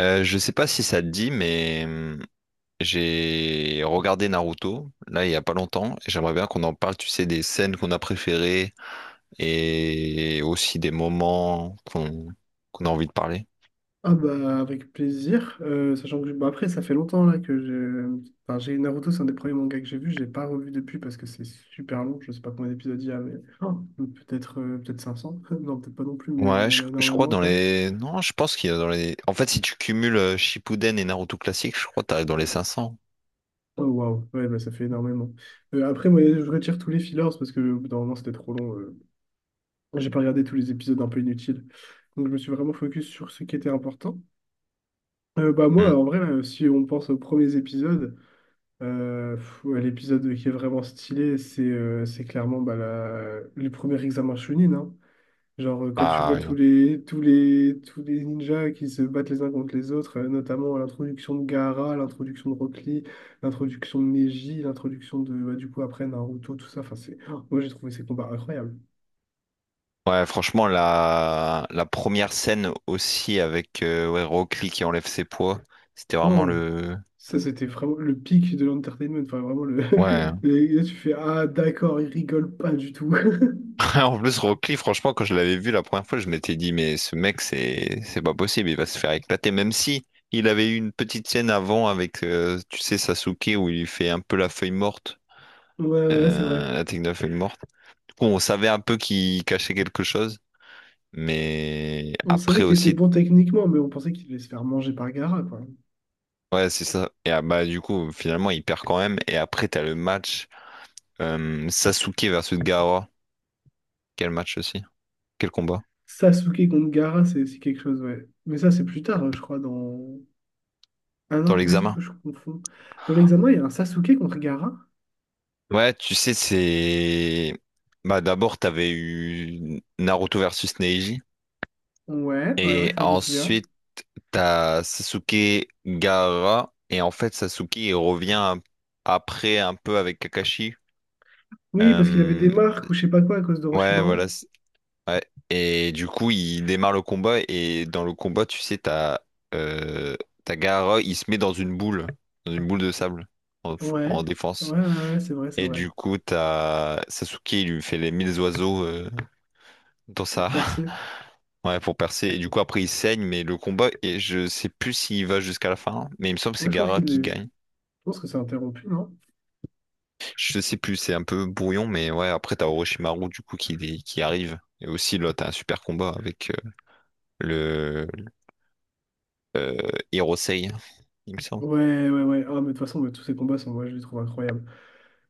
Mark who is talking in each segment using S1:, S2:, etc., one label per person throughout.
S1: Je sais pas si ça te dit, mais j'ai regardé Naruto, là, il y a pas longtemps, et j'aimerais bien qu'on en parle, tu sais, des scènes qu'on a préférées et aussi des moments qu'on qu'on a envie de parler.
S2: Ah bah avec plaisir. Sachant que bah après ça fait longtemps là que j'ai enfin, j'ai Naruto, c'est un des premiers mangas que j'ai vu, je l'ai pas revu depuis parce que c'est super long, je sais pas combien d'épisodes il y a, mais… Oh, peut-être peut-être 500, non peut-être pas non plus, mais
S1: Ouais,
S2: il y
S1: je,
S2: en a
S1: je crois
S2: énormément
S1: dans
S2: quoi.
S1: les... Non, je pense qu'il y a dans les... En fait, si tu cumules Shippuden et Naruto classique, je crois que t'arrives dans les 500.
S2: Oh waouh, ouais bah ça fait énormément. Après moi je retire tous les fillers parce que au bout d'un moment c'était trop long. J'ai pas regardé tous les épisodes un peu inutiles, donc je me suis vraiment focus sur ce qui était important. Bah
S1: Hum.
S2: moi en vrai là, si on pense aux premiers épisodes, ouais, l'épisode qui est vraiment stylé, c'est clairement bah, le premier examen Chunin, hein. Genre, quand tu
S1: Ah
S2: vois
S1: oui.
S2: tous les ninjas qui se battent les uns contre les autres, notamment à l'introduction de Gaara, à l'introduction de Rock Lee, l'introduction de Neji, l'introduction de, bah, du coup, après Naruto, tout ça. Enfin, c'est… oh, moi, j'ai trouvé ces combats incroyables.
S1: Ouais, franchement, la première scène aussi avec ouais, Rock Lee qui enlève ses poids, c'était vraiment
S2: Oh,
S1: le...
S2: ça, c'était vraiment le pic de l'entertainment. Enfin, vraiment, le…
S1: Ouais.
S2: et là, tu fais, ah, d'accord, ils rigolent pas du tout.
S1: En plus, Rocky, franchement, quand je l'avais vu la première fois, je m'étais dit, mais ce mec, c'est pas possible, il va se faire éclater. Même si il avait eu une petite scène avant avec, tu sais, Sasuke, où il fait un peu la feuille morte,
S2: Ouais, ouais, c'est vrai.
S1: la technique de la feuille morte. Du coup, on savait un peu qu'il cachait quelque chose, mais
S2: On
S1: après
S2: savait qu'il était
S1: aussi,
S2: bon techniquement, mais on pensait qu'il allait se faire manger par Gaara, quoi.
S1: ouais, c'est ça. Et ah, bah, du coup, finalement, il perd quand même. Et après, t'as le match Sasuke versus Gaara. Quel match aussi? Quel combat?
S2: Sasuke contre Gaara, c'est quelque chose, ouais. Mais ça, c'est plus tard, je crois, dans… Ah non,
S1: Dans
S2: attends, peut-être
S1: l'examen.
S2: que je confonds. Dans l'examen, il y a un Sasuke contre Gaara?
S1: Ouais, tu sais, c'est... Bah, d'abord, t'avais eu Naruto versus Neji.
S2: Ouais, ouais, ouais,
S1: Et
S2: ça, je me souviens.
S1: ensuite, t'as Sasuke Gaara. Et en fait, Sasuke, après un peu avec Kakashi.
S2: Oui, parce qu'il avait des
S1: Euh,
S2: marques ou je sais pas quoi à cause
S1: Ouais,
S2: d'Orochimaru.
S1: voilà. Ouais. Et du coup, il démarre le combat. Et dans le combat, tu sais, euh... t'as Gaara, il se met dans une boule. Dans une boule de sable. En,
S2: Ouais,
S1: en
S2: ouais,
S1: défense.
S2: ouais, ouais, ouais, c'est vrai, c'est
S1: Et
S2: vrai.
S1: du coup, t'as Sasuke, il lui fait les mille oiseaux. Dans
S2: Pour
S1: sa...
S2: percer.
S1: Ouais, pour percer. Et du coup, après, il saigne, mais le combat, et je sais plus s'il va jusqu'à la fin, mais il me semble que c'est
S2: Moi, je pense
S1: Gara
S2: qu'il
S1: qui
S2: est… Je
S1: gagne.
S2: pense que c'est interrompu, non?
S1: Je sais plus, c'est un peu brouillon, mais ouais, après, t'as Orochimaru, du coup, qui arrive. Et aussi, là, t'as un super combat avec le euh, Hirosei, il me semble.
S2: Ouais, ouais, ouais. Ah, mais de toute façon, mais tous ces combats sont… Ouais, je les trouve incroyables.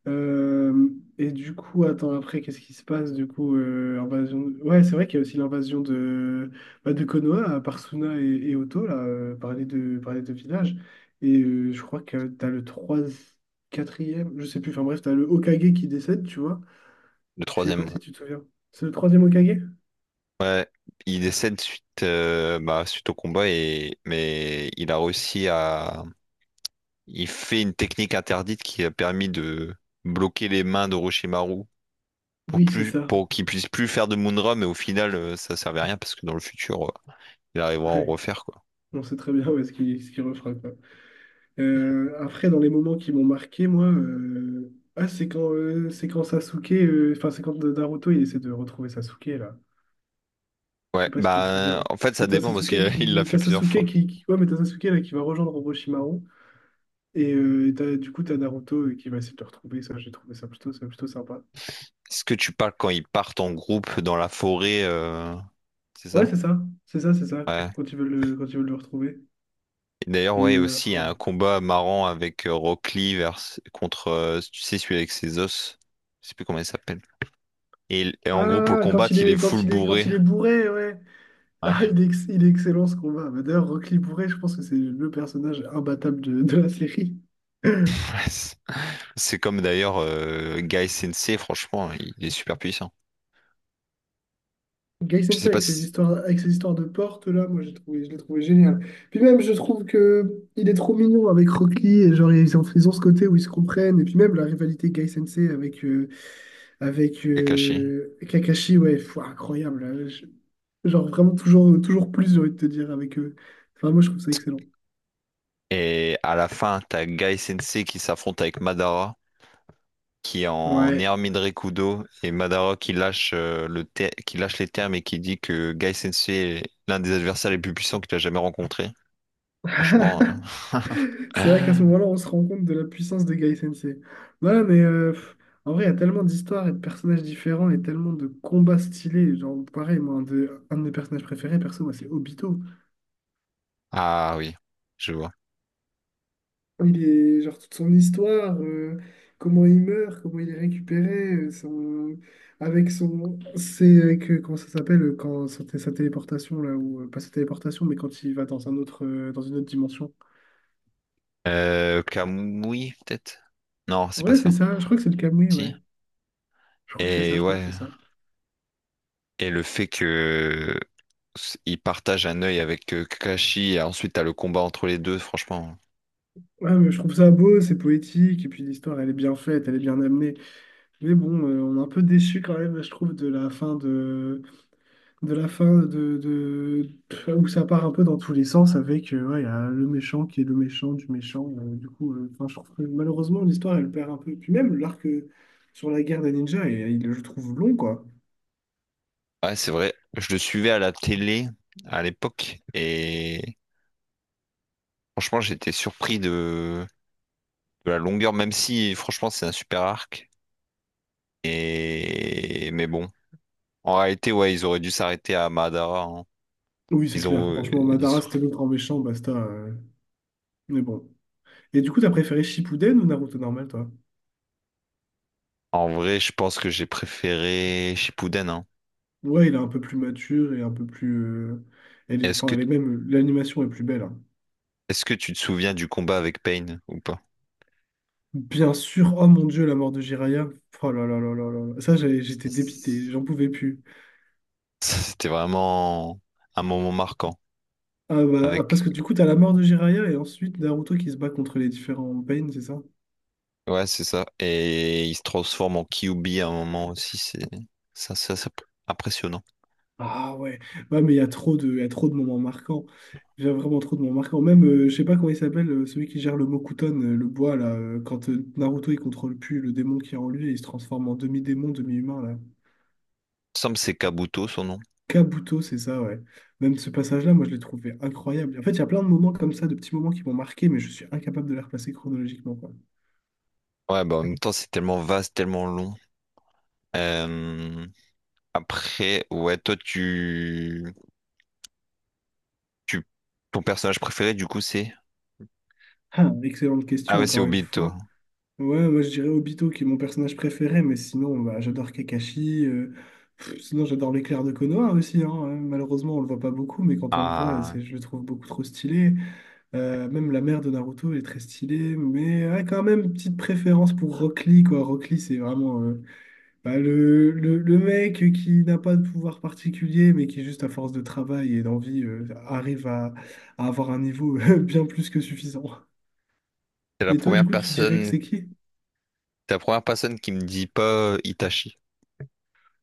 S2: Euh, et du coup, attends, après, qu'est-ce qui se passe? Du coup, invasion… Ouais, c'est vrai qu'il y a aussi l'invasion de, bah, de Konoha par Suna et Otto, là, par les deux villages. Et je crois que t'as le 3 quatrième je sais plus, enfin bref, t'as le Hokage qui décède, tu vois.
S1: Le
S2: Je sais
S1: troisième,
S2: pas
S1: ouais.
S2: si tu te souviens. C'est le troisième Hokage?
S1: Ouais, il décède suite, bah, suite au combat, et... mais il a réussi à... Il fait une technique interdite qui a permis de bloquer les mains d'Orochimaru
S2: Oui, c'est ça.
S1: pour qu'il puisse plus faire de Moonra, mais au final ça servait à rien parce que dans le futur il arrivera à en
S2: Ouais,
S1: refaire quoi.
S2: on sait très bien où est-ce qu'il ce qu'il refera, quoi. Après, dans les moments qui m'ont marqué, moi, ah, c'est quand, c'est quand Naruto, il essaie de retrouver Sasuke, là. Je
S1: Ouais,
S2: sais pas si tu te
S1: bah
S2: souviens.
S1: en fait
S2: Parce que
S1: ça dépend parce il l'a fait
S2: T'as
S1: plusieurs
S2: Sasuke
S1: fois.
S2: qui- ouais, mais t'as Sasuke, là, qui va rejoindre Orochimaru. Et du coup, t'as Naruto qui va essayer de le retrouver. Ça, j'ai trouvé ça plutôt sympa.
S1: Est-ce que tu parles quand ils partent en groupe dans la forêt, c'est
S2: Ouais,
S1: ça?
S2: c'est ça, c'est ça, c'est ça.
S1: Ouais.
S2: Quand ils veulent le retrouver.
S1: Et d'ailleurs,
S2: Et,
S1: ouais, aussi il y a
S2: oh.
S1: un combat marrant avec contre, tu sais, celui avec ses os. Je sais plus comment il s'appelle. Et en gros, pour le
S2: Ah,
S1: combattre, il est full
S2: quand
S1: bourré.
S2: il est bourré, ouais. Ah,
S1: Ouais.
S2: il est excellent ce combat. Bah, d'ailleurs, Rock Lee Bourret, je pense que c'est le personnage imbattable de la série.
S1: C'est comme d'ailleurs Guy Sensei, franchement, il est super puissant.
S2: Gai
S1: Je
S2: Sensei
S1: sais pas si
S2: avec ses histoires de porte là, je l'ai trouvé génial. Puis même, je trouve que il est trop mignon avec Rock Lee et genre ils ont ce côté où ils se comprennent. Et puis même la rivalité Gai Sensei avec,
S1: Kakashi.
S2: Kakashi, ouais, pff, incroyable là. Genre vraiment toujours, toujours plus, j'ai envie de te dire avec eux. Enfin, moi je trouve ça excellent.
S1: Et à la fin, t'as Gai Sensei qui s'affronte avec Madara, qui est en
S2: Ouais.
S1: Hermine Rekudo, et Madara qui lâche, qui lâche les termes et qui dit que Gai Sensei est l'un des adversaires les plus puissants qu'il a jamais rencontré. Franchement. euh,
S2: C'est vrai qu'à ce moment-là, on se rend compte de la puissance de Gai Sensei. Voilà, mais en vrai, il y a tellement d'histoires et de personnages différents et tellement de combats stylés. Genre, pareil, moi, un de mes personnages préférés, perso, moi, c'est Obito.
S1: Ah oui, je vois.
S2: Il est, genre, toute son histoire, comment il meurt, comment il est récupéré, son, avec son. C'est avec, comment ça s'appelle, quand sa téléportation, là, ou pas sa téléportation, mais quand il va dans un autre, dans une autre dimension.
S1: Kamui, peut-être? Non, c'est pas
S2: Ouais, c'est
S1: ça.
S2: ça, je crois que c'est le Kamui,
S1: Si.
S2: ouais. Je crois que c'est ça,
S1: Et
S2: je crois que
S1: ouais.
S2: c'est ça.
S1: Et le fait que il partage un œil avec Kakashi et ensuite t'as le combat entre les deux, franchement.
S2: Ouais, mais je trouve ça beau, c'est poétique, et puis l'histoire, elle est bien faite, elle est bien amenée. Mais bon, on est un peu déçu quand même, je trouve, de la fin de la fin de- où ça part un peu dans tous les sens avec ouais, y a le méchant qui est le méchant du méchant. Enfin, je trouve que malheureusement, l'histoire, elle perd un peu. Puis même l'arc sur la guerre des ninjas, et, il je trouve long, quoi.
S1: Ouais, c'est vrai. Je le suivais à la télé à l'époque et franchement, j'étais surpris de la longueur, même si franchement, c'est un super arc. Et mais bon, en réalité, ouais, ils auraient dû s'arrêter à Madara, hein.
S2: Oui, c'est
S1: Ils
S2: clair.
S1: ont,
S2: Franchement,
S1: ils,
S2: Madara,
S1: sont-
S2: c'était le grand méchant, basta. Mais bon. Et du coup, t'as préféré Shippuden ou Naruto normal, toi?
S1: En vrai, je pense que j'ai préféré Shippuden, hein.
S2: Ouais, il est un peu plus mature et un peu plus. Euh, elle est,
S1: Est-ce
S2: enfin,
S1: que,
S2: elle est même. L'animation est plus belle, hein.
S1: est-ce que tu te souviens du combat avec Pain ou pas?
S2: Bien sûr, oh mon Dieu, la mort de Jiraya. Oh là là là là là là. Ça, j'étais dépité,
S1: Ça,
S2: j'en pouvais plus.
S1: C'était vraiment un moment marquant.
S2: Ah bah, ah, parce
S1: Avec...
S2: que du coup, t'as la mort de Jiraya et ensuite Naruto qui se bat contre les différents Pain, c'est ça?
S1: Ouais, c'est ça. Et il se transforme en Kyuubi à un moment aussi. C'est ça, ça, ça- impressionnant.
S2: Ah ouais. Ouais, mais il y a trop de moments marquants. Il y a vraiment trop de moments marquants. Même, je sais pas comment il s'appelle, celui qui gère le Mokuton, le bois, là. Quand Naruto, il contrôle plus le démon qui est en lui et il se transforme en demi-démon, demi-humain,
S1: Il me semble que c'est Kabuto son nom.
S2: Kabuto, c'est ça, ouais. Même ce passage-là, moi, je l'ai trouvé incroyable. En fait, il y a plein de moments comme ça, de petits moments qui m'ont marqué, mais je suis incapable de les replacer chronologiquement, quoi.
S1: Ouais, bah en même temps, c'est tellement vaste, tellement long. Euh, Après, ouais, toi, tu... ton personnage préféré, du coup, c'est...
S2: Ah, excellente
S1: Ah
S2: question,
S1: ouais, c'est
S2: encore une
S1: Obito.
S2: fois. Ouais, moi, je dirais Obito, qui est mon personnage préféré, mais sinon, bah, j'adore Kakashi. Sinon, j'adore l'éclair de Konoha aussi, hein. Malheureusement, on le voit pas beaucoup, mais quand on le voit,
S1: Ah,
S2: c'est, je le trouve beaucoup trop stylé. Même la mère de Naruto elle est très stylée, mais ouais, quand même, petite préférence pour Rock Lee, quoi. Rock Lee, c'est vraiment… Bah, le mec qui n'a pas de pouvoir particulier, mais qui, juste à force de travail et d'envie, arrive à avoir un niveau bien plus que suffisant.
S1: c'est la
S2: Mais toi,
S1: première
S2: du coup, tu dirais que
S1: personne,
S2: c'est qui?
S1: t'es la première personne qui me dit pas Itachi.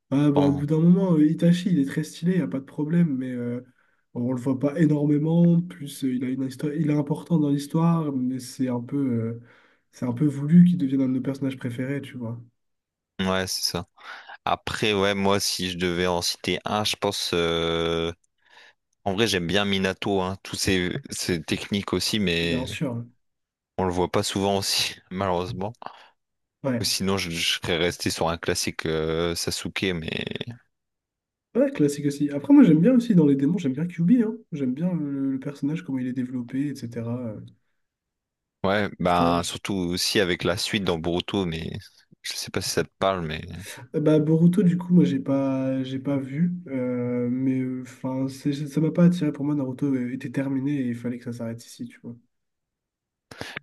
S2: Ah, bah, au bout
S1: Enfin,
S2: d'un moment, Itachi, il est très stylé, il n'y a pas de problème, mais on le voit pas énormément. Plus, il a une histoire, il est important dans l'histoire, mais c'est un peu voulu qu'il devienne un de nos personnages préférés, tu vois.
S1: ouais, c'est ça. Après, ouais, moi, si je devais en citer un, je pense. En vrai, j'aime bien Minato, hein, ses techniques aussi,
S2: Bien
S1: mais
S2: sûr.
S1: on le voit pas souvent aussi, malheureusement.
S2: Ouais.
S1: Ou sinon, je serais resté sur un classique Sasuke, mais
S2: Ouais, classique aussi. Après, moi, j'aime bien aussi dans les démons, j'aime bien Kyuubi, hein. J'aime bien le personnage, comment il est développé, etc.
S1: ouais,
S2: Enfin,
S1: ben
S2: je-
S1: surtout aussi avec la suite dans Boruto, mais je sais pas si ça te parle, mais.
S2: Bah, Boruto, du coup, moi, j'ai pas vu, mais enfin, ça m'a pas attiré. Pour moi, Naruto était terminé et il fallait que ça s'arrête ici, tu vois.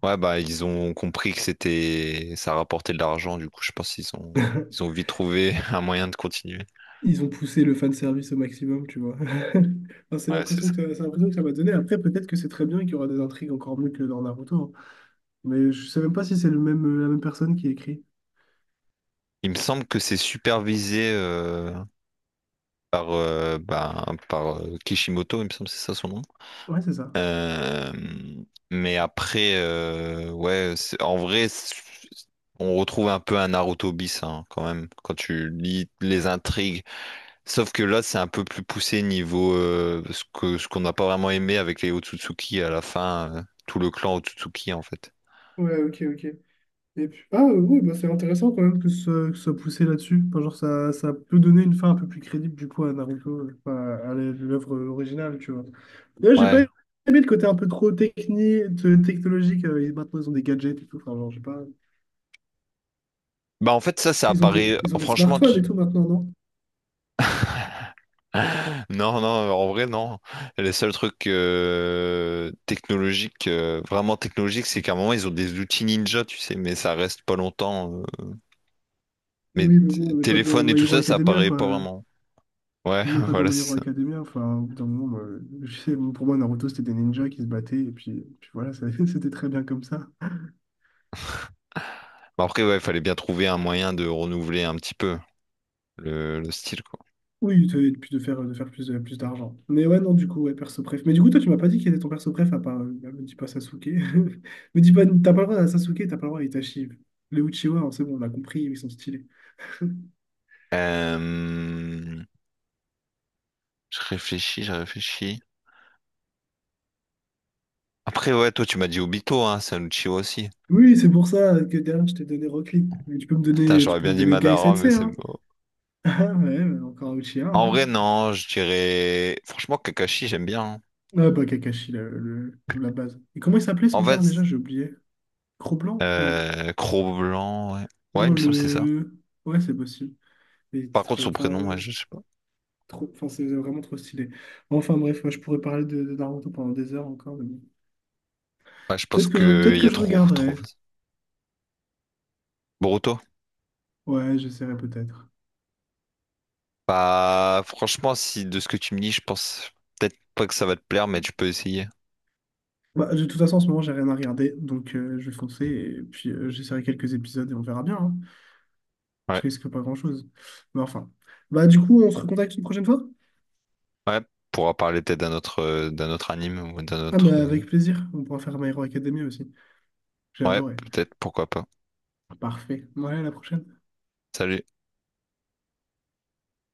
S1: Ouais, bah ils ont compris que c'était ça rapportait de l'argent, du coup je pense qu'ils ont ils ont vite trouvé un moyen de continuer.
S2: Ils ont poussé le fanservice au maximum, tu vois. Enfin,
S1: Ouais, c'est ça.
S2: c'est l'impression que ça m'a donné. Après, peut-être que c'est très bien qu'il y aura des intrigues encore mieux que dans Naruto, hein. Mais je sais même pas si c'est le même, la même personne qui écrit.
S1: Il me semble que c'est supervisé par euh, bah, par Kishimoto, il me semble que c'est ça son nom.
S2: Ouais, c'est ça.
S1: Euh, mais après, ouais, on retrouve un peu un Naruto bis hein, quand même quand tu lis les intrigues. Sauf que là, c'est un peu plus poussé niveau ce qu'on n'a pas vraiment aimé avec les Otsutsuki à la fin, tout le clan Otsutsuki en fait.
S2: Ouais, ok, ok. Et puis, ah oui, bah, c'est intéressant quand même que ce que ça poussé là-dessus. Enfin, genre, ça peut donner une fin un peu plus crédible du coup à Naruto, enfin, à l'œuvre originale, tu vois. D'ailleurs, j'ai pas
S1: Ouais.
S2: aimé le côté un peu trop technique, technologique. Et maintenant, ils ont des gadgets et tout. Enfin, genre, j'ai pas…
S1: Bah en fait ça, ça apparaît.
S2: Ils ont des smartphones et tout maintenant, non?
S1: Non non, en vrai non. Les seuls trucs technologiques, vraiment technologiques, c'est qu'à un moment ils ont des outils ninja, tu sais, mais ça reste pas longtemps, euh. Mais
S2: Oui, mais bon, on n'est pas dans
S1: téléphone et
S2: My
S1: tout
S2: Hero
S1: ça, ça
S2: Academia,
S1: apparaît pas
S2: quoi.
S1: vraiment. Ouais,
S2: On n'est pas dans
S1: voilà
S2: My
S1: c'est
S2: Hero
S1: ça.
S2: Academia. Enfin, au bout d'un moment, moi, je sais, pour moi, Naruto, c'était des ninjas qui se battaient. Et puis voilà, c'était très bien comme ça.
S1: Bah, après ouais, il fallait bien trouver un moyen de renouveler un petit peu le style quoi.
S2: Oui, et puis de faire plus, plus d'argent. Mais ouais, non, du coup, ouais, perso préf. Mais du coup, toi, tu m'as pas dit quel était ton perso préf à part. Bah, me dis pas Sasuke. Me dis pas, t'as pas le droit à Sasuke, t'as pas le droit à Itachi. Les Uchiwa, hein, c'est bon, on a compris, ils sont stylés.
S1: Euh, je réfléchis. Après, ouais, toi, tu m'as dit Obito, hein, c'est un Uchiwa aussi.
S2: Oui, c'est pour ça que derrière, je t'ai donné Rock Lee. Mais
S1: Putain,
S2: tu
S1: j'aurais
S2: peux
S1: bien
S2: me
S1: dit
S2: donner Guy
S1: Madara, mais
S2: Sensei,
S1: c'est
S2: hein.
S1: mort.
S2: Ah ouais, mais encore Uchiha,
S1: En vrai,
S2: hein.
S1: non, je dirais... Franchement, Kakashi, j'aime bien, hein.
S2: Ah bah, Kakashi, la base. Et comment il s'appelait
S1: En
S2: son père déjà?
S1: fait,
S2: J'ai oublié. Cro-Blanc? Non.
S1: Cro-Blanc, ouais. Ouais, il
S2: Non,
S1: me semble que c'est ça.
S2: le. Ouais, c'est possible. Il était
S1: Par contre,
S2: trop…
S1: son
S2: Enfin,
S1: prénom, ouais, je sais pas.
S2: trop, enfin, c'est vraiment trop stylé. Enfin bref, moi, je pourrais parler de Naruto pendant des heures encore. Mais bon.
S1: Ouais, je pense qu'il
S2: Peut-être
S1: y
S2: que
S1: a
S2: je
S1: trop, trop...
S2: regarderai.
S1: Boruto?
S2: Ouais, j'essaierai peut-être.
S1: Bah, franchement, si de ce que tu me dis, je pense peut-être pas que ça va te plaire, mais tu peux essayer.
S2: Bah, de toute façon, en ce moment, j'ai rien à regarder, donc je vais foncer et puis j'essaierai quelques épisodes et on verra bien, hein. Je
S1: Ouais,
S2: risque pas grand-chose. Mais enfin. Bah du coup, on se recontacte une prochaine fois?
S1: ouais, pourra parler peut-être d'un autre anime ou d'un
S2: Ah, mais
S1: autre...
S2: avec plaisir. On pourra faire My Hero Academia aussi. J'ai
S1: Ouais,
S2: adoré.
S1: peut-être, pourquoi pas.
S2: Parfait. Ouais, à la prochaine.
S1: Salut.